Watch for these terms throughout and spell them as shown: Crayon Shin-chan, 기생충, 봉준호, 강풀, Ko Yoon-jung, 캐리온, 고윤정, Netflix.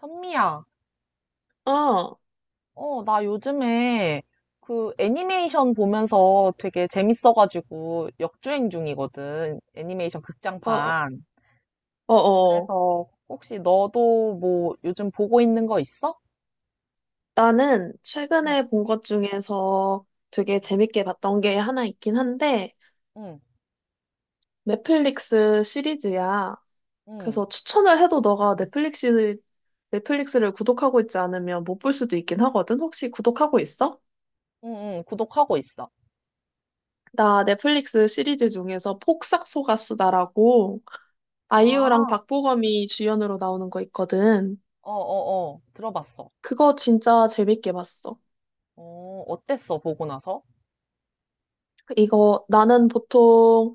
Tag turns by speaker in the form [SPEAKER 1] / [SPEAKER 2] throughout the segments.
[SPEAKER 1] 선미야,
[SPEAKER 2] 어, 어,
[SPEAKER 1] 나 요즘에 그 애니메이션 보면서 되게 재밌어가지고 역주행 중이거든. 애니메이션
[SPEAKER 2] 어,
[SPEAKER 1] 극장판.
[SPEAKER 2] 어. 어.
[SPEAKER 1] 그래서 혹시 너도 뭐 요즘 보고 있는 거 있어?
[SPEAKER 2] 나는
[SPEAKER 1] 응,
[SPEAKER 2] 최근에 본 것 중에서 되게 재밌게 봤던 게 하나 있긴 한데,
[SPEAKER 1] 응,
[SPEAKER 2] 넷플릭스 시리즈야.
[SPEAKER 1] 응,
[SPEAKER 2] 그래서 추천을 해도 너가 넷플릭스를 구독하고 있지 않으면 못 볼 수도 있긴 하거든. 혹시 구독하고 있어?
[SPEAKER 1] 응, 응, 구독하고 있어.
[SPEAKER 2] 나 넷플릭스 시리즈 중에서 폭삭소가수다라고 아이유랑
[SPEAKER 1] 아,
[SPEAKER 2] 박보검이 주연으로 나오는 거 있거든.
[SPEAKER 1] 어, 어, 어, 들어봤어.
[SPEAKER 2] 그거 진짜 재밌게 봤어.
[SPEAKER 1] 어, 어땠어, 보고 나서?
[SPEAKER 2] 이거 나는 보통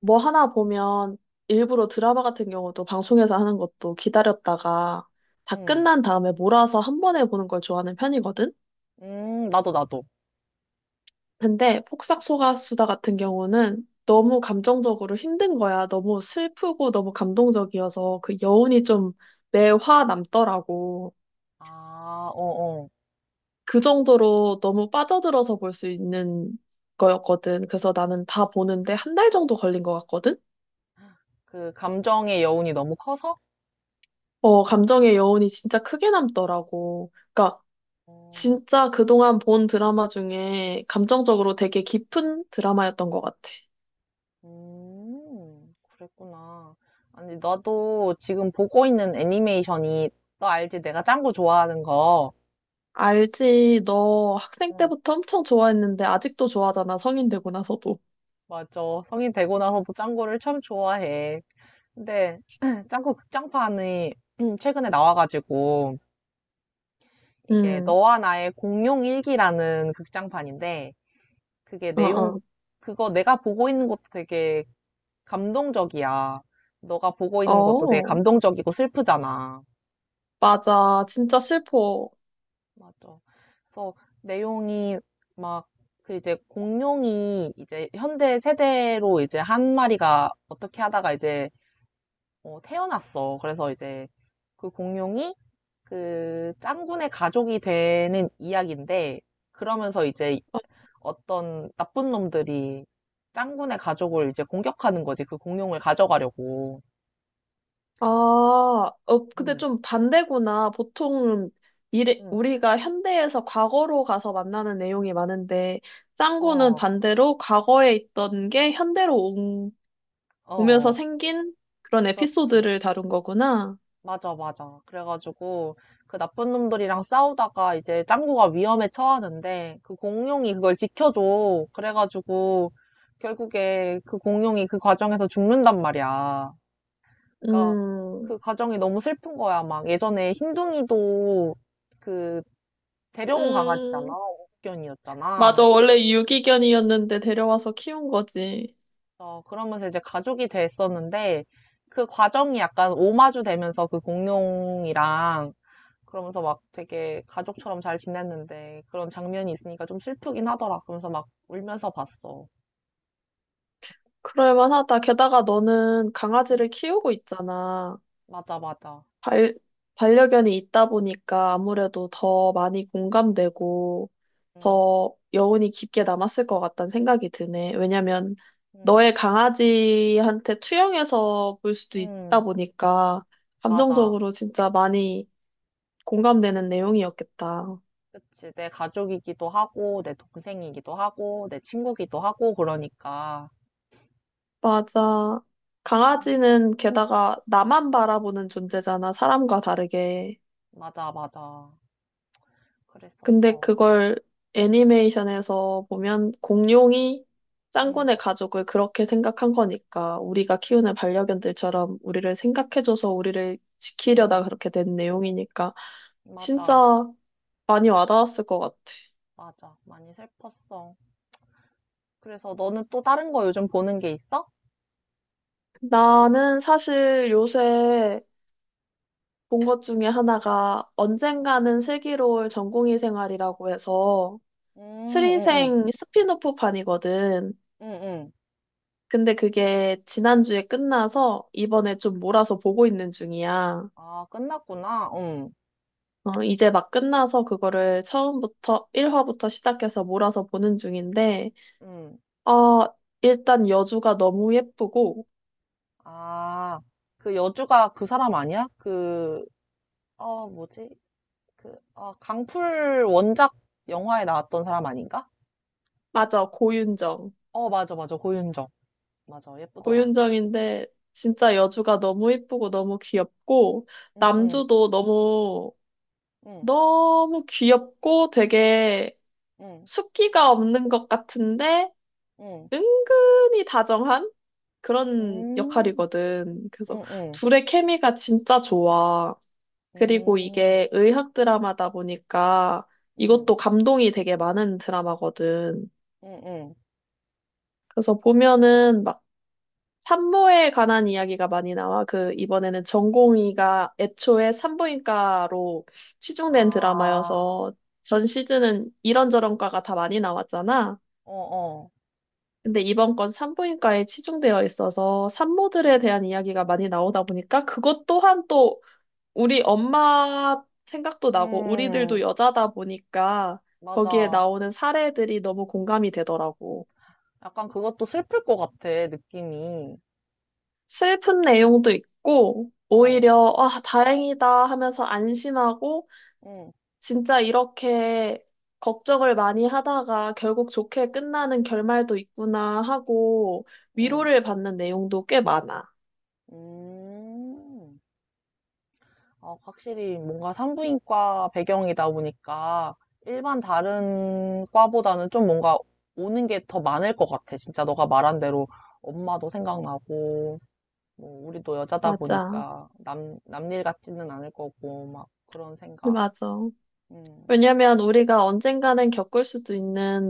[SPEAKER 2] 뭐 하나 보면 일부러 드라마 같은 경우도 방송에서 하는 것도 기다렸다가 다
[SPEAKER 1] 응,
[SPEAKER 2] 끝난 다음에 몰아서 한 번에 보는 걸 좋아하는 편이거든?
[SPEAKER 1] 나도.
[SPEAKER 2] 근데 폭삭소가수다 같은 경우는 너무 감정적으로 힘든 거야. 너무 슬프고 너무 감동적이어서 그 여운이 좀 매화 남더라고.
[SPEAKER 1] 아, 어, 어.
[SPEAKER 2] 그 정도로 너무 빠져들어서 볼 수 있는 거였거든. 그래서 나는 다 보는데 한 달 정도 걸린 것 같거든?
[SPEAKER 1] 그 감정의 여운이 너무 커서?
[SPEAKER 2] 어, 감정의 여운이 진짜 크게 남더라고. 그러니까
[SPEAKER 1] 어.
[SPEAKER 2] 진짜 그동안 본 드라마 중에 감정적으로 되게 깊은 드라마였던 것 같아.
[SPEAKER 1] 그랬구나. 아니, 나도 지금 보고 있는 애니메이션이, 너 알지? 내가 짱구 좋아하는 거.
[SPEAKER 2] 알지? 너 학생
[SPEAKER 1] 어,
[SPEAKER 2] 때부터 엄청 좋아했는데 아직도 좋아하잖아. 성인 되고 나서도.
[SPEAKER 1] 맞아. 성인 되고 나서도 짱구를 참 좋아해. 근데, 짱구 극장판이 최근에 나와가지고, 이게
[SPEAKER 2] 응,
[SPEAKER 1] 너와 나의 공룡 일기라는 극장판인데, 그게
[SPEAKER 2] 어,
[SPEAKER 1] 내용,
[SPEAKER 2] 어.
[SPEAKER 1] 그거 내가 보고 있는 것도 되게 감동적이야. 너가 보고 있는 것도 되게
[SPEAKER 2] 어,
[SPEAKER 1] 감동적이고 슬프잖아.
[SPEAKER 2] 맞아. 진짜 슬퍼.
[SPEAKER 1] 맞아. 그래서 내용이 막 그 이제 공룡이 이제 현대 세대로 이제 한 마리가 어떻게 하다가 이제 태어났어. 그래서 이제 그 공룡이 그 짱구네 가족이 되는 이야기인데 그러면서 이제
[SPEAKER 2] 어,
[SPEAKER 1] 어떤 나쁜 놈들이 짱구네 가족을 이제 공격하는 거지. 그 공룡을 가져가려고.
[SPEAKER 2] 아, 어, 근데
[SPEAKER 1] 응,
[SPEAKER 2] 좀 반대구나. 보통 미래,
[SPEAKER 1] 응.
[SPEAKER 2] 우리가 현대에서 과거로 가서 만나는 내용이 많은데, 짱구는
[SPEAKER 1] 어,
[SPEAKER 2] 반대로 과거에 있던 게 현대로 보면서
[SPEAKER 1] 어,
[SPEAKER 2] 생긴 그런
[SPEAKER 1] 그렇지.
[SPEAKER 2] 에피소드를 다룬 거구나.
[SPEAKER 1] 맞아. 그래가지고 그 나쁜 놈들이랑 싸우다가 이제 짱구가 위험에 처하는데 그 공룡이 그걸 지켜줘. 그래가지고 결국에 그 공룡이 그 과정에서 죽는단 말이야. 그러니까
[SPEAKER 2] 음,
[SPEAKER 1] 그 과정이 너무 슬픈 거야. 막 예전에 흰둥이도 그 데려온 강아지잖아.
[SPEAKER 2] 음, 맞아.
[SPEAKER 1] 옥견이었잖아.
[SPEAKER 2] 원래 유기견이었는데 데려와서 키운 거지.
[SPEAKER 1] 어, 그러면서 이제 가족이 됐었는데 그 과정이 약간 오마주 되면서 그 공룡이랑 그러면서 막 되게 가족처럼 잘 지냈는데 그런 장면이 있으니까 좀 슬프긴 하더라. 그러면서 막 울면서 봤어.
[SPEAKER 2] 그럴만하다. 게다가 너는
[SPEAKER 1] 응,
[SPEAKER 2] 강아지를 키우고 있잖아.
[SPEAKER 1] 맞아.
[SPEAKER 2] 발, 반려견이 있다 보니까 아무래도 더 많이 공감되고
[SPEAKER 1] 응,
[SPEAKER 2] 더 여운이 깊게 남았을 것 같다는 생각이 드네. 왜냐면
[SPEAKER 1] 응,
[SPEAKER 2] 너의 강아지한테 투영해서 볼 수도 있다
[SPEAKER 1] 응,
[SPEAKER 2] 보니까
[SPEAKER 1] 맞아.
[SPEAKER 2] 감정적으로 진짜 많이 공감되는 내용이었겠다.
[SPEAKER 1] 그치. 내 가족이기도 하고, 내 동생이기도 하고, 내 친구기도 하고, 그러니까.
[SPEAKER 2] 맞아.
[SPEAKER 1] 응,
[SPEAKER 2] 강아지는
[SPEAKER 1] 응,
[SPEAKER 2] 게다가 나만 바라보는 존재잖아, 사람과 다르게.
[SPEAKER 1] 맞아.
[SPEAKER 2] 근데
[SPEAKER 1] 그랬었어.
[SPEAKER 2] 그걸 애니메이션에서 보면 공룡이
[SPEAKER 1] 응,
[SPEAKER 2] 짱구네 가족을 그렇게 생각한 거니까 우리가 키우는 반려견들처럼 우리를 생각해줘서 우리를
[SPEAKER 1] 응,
[SPEAKER 2] 지키려다 그렇게 된 내용이니까
[SPEAKER 1] 맞아,
[SPEAKER 2] 진짜 많이 와닿았을 것 같아.
[SPEAKER 1] 맞아. 많이 슬펐어. 그래서 너는 또 다른 거 요즘 보는 게 있어?
[SPEAKER 2] 나는 사실 요새 본 것 중에 하나가 언젠가는 슬기로울 전공의 생활이라고 해서
[SPEAKER 1] 응, 응, 응,
[SPEAKER 2] 수리생 스핀오프판이거든.
[SPEAKER 1] 응, 응.
[SPEAKER 2] 근데 그게 지난주에 끝나서 이번에 좀 몰아서 보고 있는 중이야.
[SPEAKER 1] 아, 끝났구나. 응,
[SPEAKER 2] 어, 이제 막 끝나서 그거를 처음부터 1화부터 시작해서 몰아서 보는 중인데,
[SPEAKER 1] 응.
[SPEAKER 2] 어, 일단 여주가 너무 예쁘고,
[SPEAKER 1] 아, 그 여주가 그 사람 아니야? 그, 어, 뭐지? 그, 어, 강풀 원작 영화에 나왔던 사람 아닌가?
[SPEAKER 2] 맞아, 고윤정.
[SPEAKER 1] 어, 맞아. 고윤정. 맞아. 예쁘더라.
[SPEAKER 2] 고윤정인데 진짜 여주가 너무 예쁘고 너무 귀엽고,
[SPEAKER 1] 응, 응,
[SPEAKER 2] 남주도 너무
[SPEAKER 1] 응,
[SPEAKER 2] 너무 귀엽고 되게
[SPEAKER 1] 응,
[SPEAKER 2] 숫기가 없는 것 같은데
[SPEAKER 1] 응.
[SPEAKER 2] 은근히 다정한 그런
[SPEAKER 1] 음,
[SPEAKER 2] 역할이거든. 그래서
[SPEAKER 1] 응, 응,
[SPEAKER 2] 둘의 케미가 진짜 좋아. 그리고
[SPEAKER 1] 음,
[SPEAKER 2] 이게 의학 드라마다 보니까
[SPEAKER 1] 응,
[SPEAKER 2] 이것도 감동이 되게 많은 드라마거든.
[SPEAKER 1] 응, 응.
[SPEAKER 2] 그래서 보면은 막 산모에 관한 이야기가 많이 나와. 그, 이번에는 전공의가 애초에 산부인과로 치중된
[SPEAKER 1] 아,
[SPEAKER 2] 드라마여서 전 시즌은 이런저런 과가 다 많이 나왔잖아.
[SPEAKER 1] 어, 어.
[SPEAKER 2] 근데 이번 건 산부인과에 치중되어 있어서 산모들에
[SPEAKER 1] 응,
[SPEAKER 2] 대한 이야기가 많이 나오다 보니까 그것 또한 또 우리 엄마 생각도 나고 우리들도
[SPEAKER 1] 음,
[SPEAKER 2] 여자다 보니까 거기에
[SPEAKER 1] 맞아.
[SPEAKER 2] 나오는 사례들이 너무 공감이 되더라고.
[SPEAKER 1] 약간 그것도 슬플 것 같아, 느낌이.
[SPEAKER 2] 슬픈 내용도 있고,
[SPEAKER 1] 어,
[SPEAKER 2] 오히려, 아, 다행이다 하면서 안심하고,
[SPEAKER 1] 응,
[SPEAKER 2] 진짜 이렇게 걱정을 많이 하다가 결국 좋게 끝나는 결말도 있구나 하고,
[SPEAKER 1] 응.
[SPEAKER 2] 위로를 받는 내용도 꽤 많아.
[SPEAKER 1] 음. 아, 확실히 뭔가 산부인과 배경이다 보니까 일반 다른 과보다는 좀 뭔가 오는 게 더 많을 것 같아. 진짜 너가 말한 대로 엄마도 생각나고, 뭐, 우리도 여자다
[SPEAKER 2] 맞아.
[SPEAKER 1] 보니까 남, 남일 같지는 않을 거고, 막 그런 생각.
[SPEAKER 2] 맞아.
[SPEAKER 1] 음,
[SPEAKER 2] 왜냐면 우리가 언젠가는 겪을 수도 있는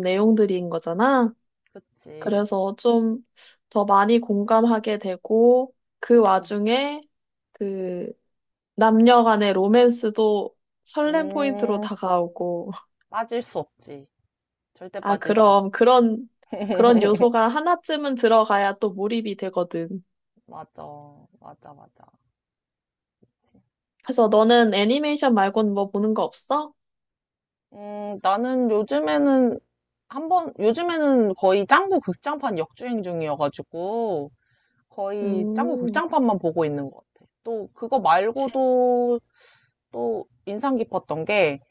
[SPEAKER 1] 음,
[SPEAKER 2] 내용들인 거잖아.
[SPEAKER 1] 그치.
[SPEAKER 2] 그래서 좀 더 많이 공감하게 되고, 그
[SPEAKER 1] 음,
[SPEAKER 2] 와중에, 그, 남녀 간의 로맨스도 설렘 포인트로
[SPEAKER 1] 음,
[SPEAKER 2] 다가오고,
[SPEAKER 1] 빠질 수 없지. 절대
[SPEAKER 2] 아,
[SPEAKER 1] 빠질 수
[SPEAKER 2] 그럼
[SPEAKER 1] 없지.
[SPEAKER 2] 그런, 그런 요소가 하나쯤은 들어가야 또 몰입이 되거든.
[SPEAKER 1] 맞아, 맞아.
[SPEAKER 2] 그래서 너는 애니메이션 말고는 뭐 보는 거 없어?
[SPEAKER 1] 나는 요즘에는 한 번, 요즘에는 거의 짱구 극장판 역주행 중이어가지고, 거의 짱구
[SPEAKER 2] 음,
[SPEAKER 1] 극장판만 보고 있는 것 같아. 또, 그거
[SPEAKER 2] 진,
[SPEAKER 1] 말고도 또 인상 깊었던 게,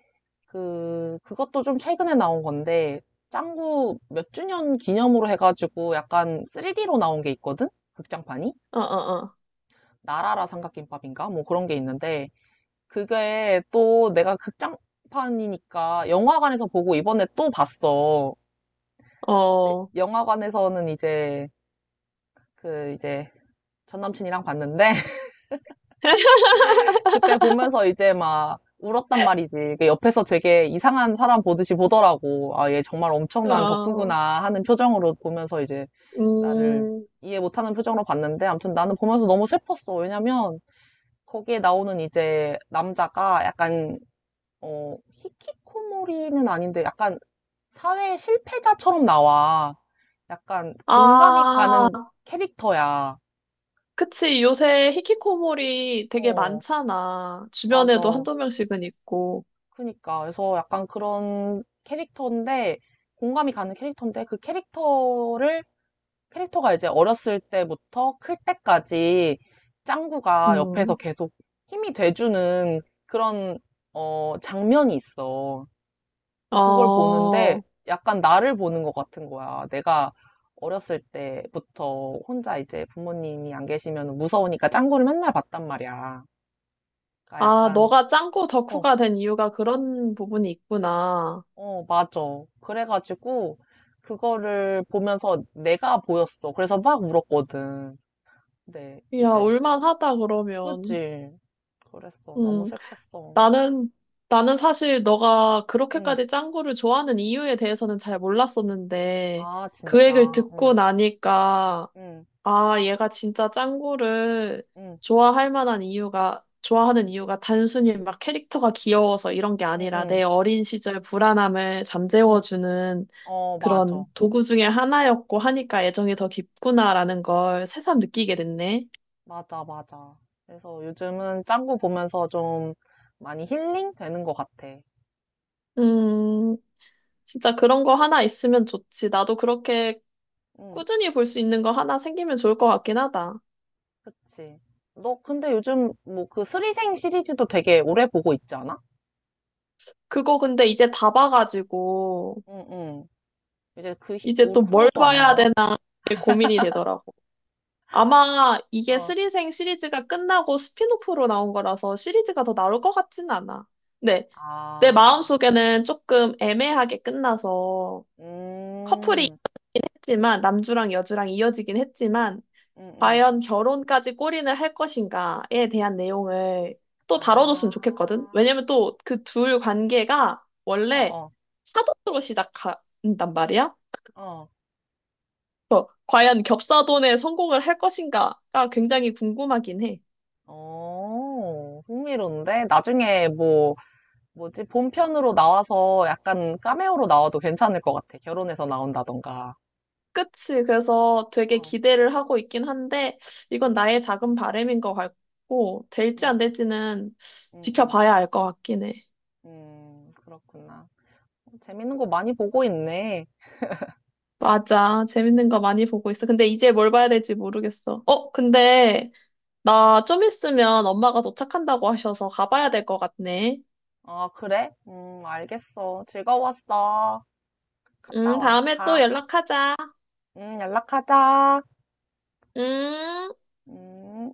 [SPEAKER 1] 그, 그것도 좀 최근에 나온 건데, 짱구 몇 주년 기념으로 해가지고 약간 3D로 나온 게 있거든? 극장판이?
[SPEAKER 2] 어, 어,
[SPEAKER 1] 나라라 삼각김밥인가? 뭐 그런 게 있는데, 그게 또 내가 극장판이니까 영화관에서 보고 이번에 또 봤어.
[SPEAKER 2] 어,
[SPEAKER 1] 네,
[SPEAKER 2] 어,
[SPEAKER 1] 영화관에서는 이제 그 이제 전 남친이랑 봤는데 그때 보면서 이제 막 울었단 말이지. 그 옆에서 되게 이상한 사람 보듯이 보더라고. 아, 얘 정말 엄청난
[SPEAKER 2] 어,
[SPEAKER 1] 덕후구나 하는 표정으로 보면서 이제 나를
[SPEAKER 2] 음,
[SPEAKER 1] 이해 못하는 표정으로 봤는데 아무튼 나는 보면서 너무 슬펐어. 왜냐면 거기에 나오는 이제 남자가 약간 히키코모리는 아닌데 약간 사회 실패자처럼 나와. 약간 공감이 가는
[SPEAKER 2] 아,
[SPEAKER 1] 캐릭터야.
[SPEAKER 2] 그치. 요새 히키코모리 되게
[SPEAKER 1] 어.
[SPEAKER 2] 많잖아. 주변에도
[SPEAKER 1] 맞아.
[SPEAKER 2] 한두 명씩은 있고,
[SPEAKER 1] 그니까. 그래서 약간 그런 캐릭터인데, 공감이 가는 캐릭터인데, 캐릭터가 이제 어렸을 때부터 클 때까지 짱구가 옆에서
[SPEAKER 2] 음,
[SPEAKER 1] 계속 힘이 돼주는 그런, 어, 장면이 있어. 그러니까 그걸 보는데,
[SPEAKER 2] 어,
[SPEAKER 1] 약간 나를 보는 것 같은 거야. 내가 어렸을 때부터 혼자 이제 부모님이 안 계시면 무서우니까 짱구를 맨날 봤단 말이야. 그러니까
[SPEAKER 2] 아,
[SPEAKER 1] 약간,
[SPEAKER 2] 너가 짱구
[SPEAKER 1] 어,
[SPEAKER 2] 덕후가 된 이유가 그런 부분이 있구나.
[SPEAKER 1] 어, 맞아. 그래가지고, 그거를 보면서 내가 보였어. 그래서 막 울었거든. 근데
[SPEAKER 2] 야,
[SPEAKER 1] 이제,
[SPEAKER 2] 올만하다, 그러면.
[SPEAKER 1] 그치. 그랬어. 너무
[SPEAKER 2] 음,
[SPEAKER 1] 슬펐어.
[SPEAKER 2] 나는, 나는 사실 너가
[SPEAKER 1] 응.
[SPEAKER 2] 그렇게까지 짱구를 좋아하는 이유에 대해서는 잘 몰랐었는데,
[SPEAKER 1] 아,
[SPEAKER 2] 그 얘기를
[SPEAKER 1] 진짜.
[SPEAKER 2] 듣고
[SPEAKER 1] 응,
[SPEAKER 2] 나니까,
[SPEAKER 1] 응,
[SPEAKER 2] 아, 얘가 진짜 짱구를
[SPEAKER 1] 응,
[SPEAKER 2] 좋아할 만한 이유가, 좋아하는
[SPEAKER 1] 응,
[SPEAKER 2] 이유가 단순히 막 캐릭터가 귀여워서 이런 게
[SPEAKER 1] 응,
[SPEAKER 2] 아니라
[SPEAKER 1] 응,
[SPEAKER 2] 내 어린 시절 불안함을
[SPEAKER 1] 응.
[SPEAKER 2] 잠재워주는
[SPEAKER 1] 어,
[SPEAKER 2] 그런
[SPEAKER 1] 맞아.
[SPEAKER 2] 도구 중에 하나였고 하니까 애정이 더 깊구나라는 걸 새삼 느끼게 됐네.
[SPEAKER 1] 맞아. 그래서 요즘은 짱구 보면서 좀 많이 힐링 되는 것 같아.
[SPEAKER 2] 음, 진짜 그런 거 하나 있으면 좋지. 나도 그렇게
[SPEAKER 1] 응,
[SPEAKER 2] 꾸준히 볼 수 있는 거 하나 생기면 좋을 것 같긴 하다.
[SPEAKER 1] 그치. 너 근데 요즘 뭐 그 스리생 시리즈도 되게 오래 보고 있지 않아?
[SPEAKER 2] 그거 근데 이제 다 봐가지고,
[SPEAKER 1] 응, 응. 이제 그 히-
[SPEAKER 2] 이제
[SPEAKER 1] 후-
[SPEAKER 2] 또
[SPEAKER 1] 로
[SPEAKER 2] 뭘
[SPEAKER 1] 또 안
[SPEAKER 2] 봐야
[SPEAKER 1] 나와?
[SPEAKER 2] 되나 이게 고민이 되더라고. 아마 이게
[SPEAKER 1] 어,
[SPEAKER 2] 스리생 시리즈가 끝나고 스핀오프로 나온 거라서 시리즈가 더 나올 것 같진 않아. 네, 내
[SPEAKER 1] 아,
[SPEAKER 2] 마음속에는 조금 애매하게 끝나서 커플이
[SPEAKER 1] 음,
[SPEAKER 2] 했지만 남주랑 여주랑 이어지긴 했지만
[SPEAKER 1] 음, 음.
[SPEAKER 2] 과연 결혼까지 꼬리을할 것인가에 대한 내용을 또 다뤄줬으면 좋겠거든.
[SPEAKER 1] 아,
[SPEAKER 2] 왜냐면 또 그 둘 관계가
[SPEAKER 1] 어,
[SPEAKER 2] 원래
[SPEAKER 1] 어,
[SPEAKER 2] 사돈으로 시작한단 말이야.
[SPEAKER 1] 어.
[SPEAKER 2] 과연 겹사돈에 성공을 할 것인가가 굉장히 궁금하긴 해.
[SPEAKER 1] 어, 흥미로운데? 나중에 뭐, 뭐지, 본편으로 나와서 약간 카메오로 나와도 괜찮을 것 같아. 결혼해서 나온다던가.
[SPEAKER 2] 그치 그래서 되게
[SPEAKER 1] 어.
[SPEAKER 2] 기대를 하고 있긴 한데 이건
[SPEAKER 1] 음,
[SPEAKER 2] 나의 작은 바램인것 같고 될지
[SPEAKER 1] 음,
[SPEAKER 2] 안 될지는
[SPEAKER 1] 음, 음,
[SPEAKER 2] 지켜봐야 알 것 같긴 해.
[SPEAKER 1] 그렇구나. 어, 재밌는 거 많이 보고 있네.
[SPEAKER 2] 맞아. 재밌는 거 많이 보고 있어. 근데 이제 뭘 봐야 될지 모르겠어. 어, 근데 나 좀 있으면 엄마가 도착한다고 하셔서 가봐야 될 것 같네.
[SPEAKER 1] 아, 그래? 알겠어. 즐거웠어. 갔다 와.
[SPEAKER 2] 다음에 또
[SPEAKER 1] 가.
[SPEAKER 2] 연락하자.
[SPEAKER 1] 연락하자.
[SPEAKER 2] 음.
[SPEAKER 1] 음.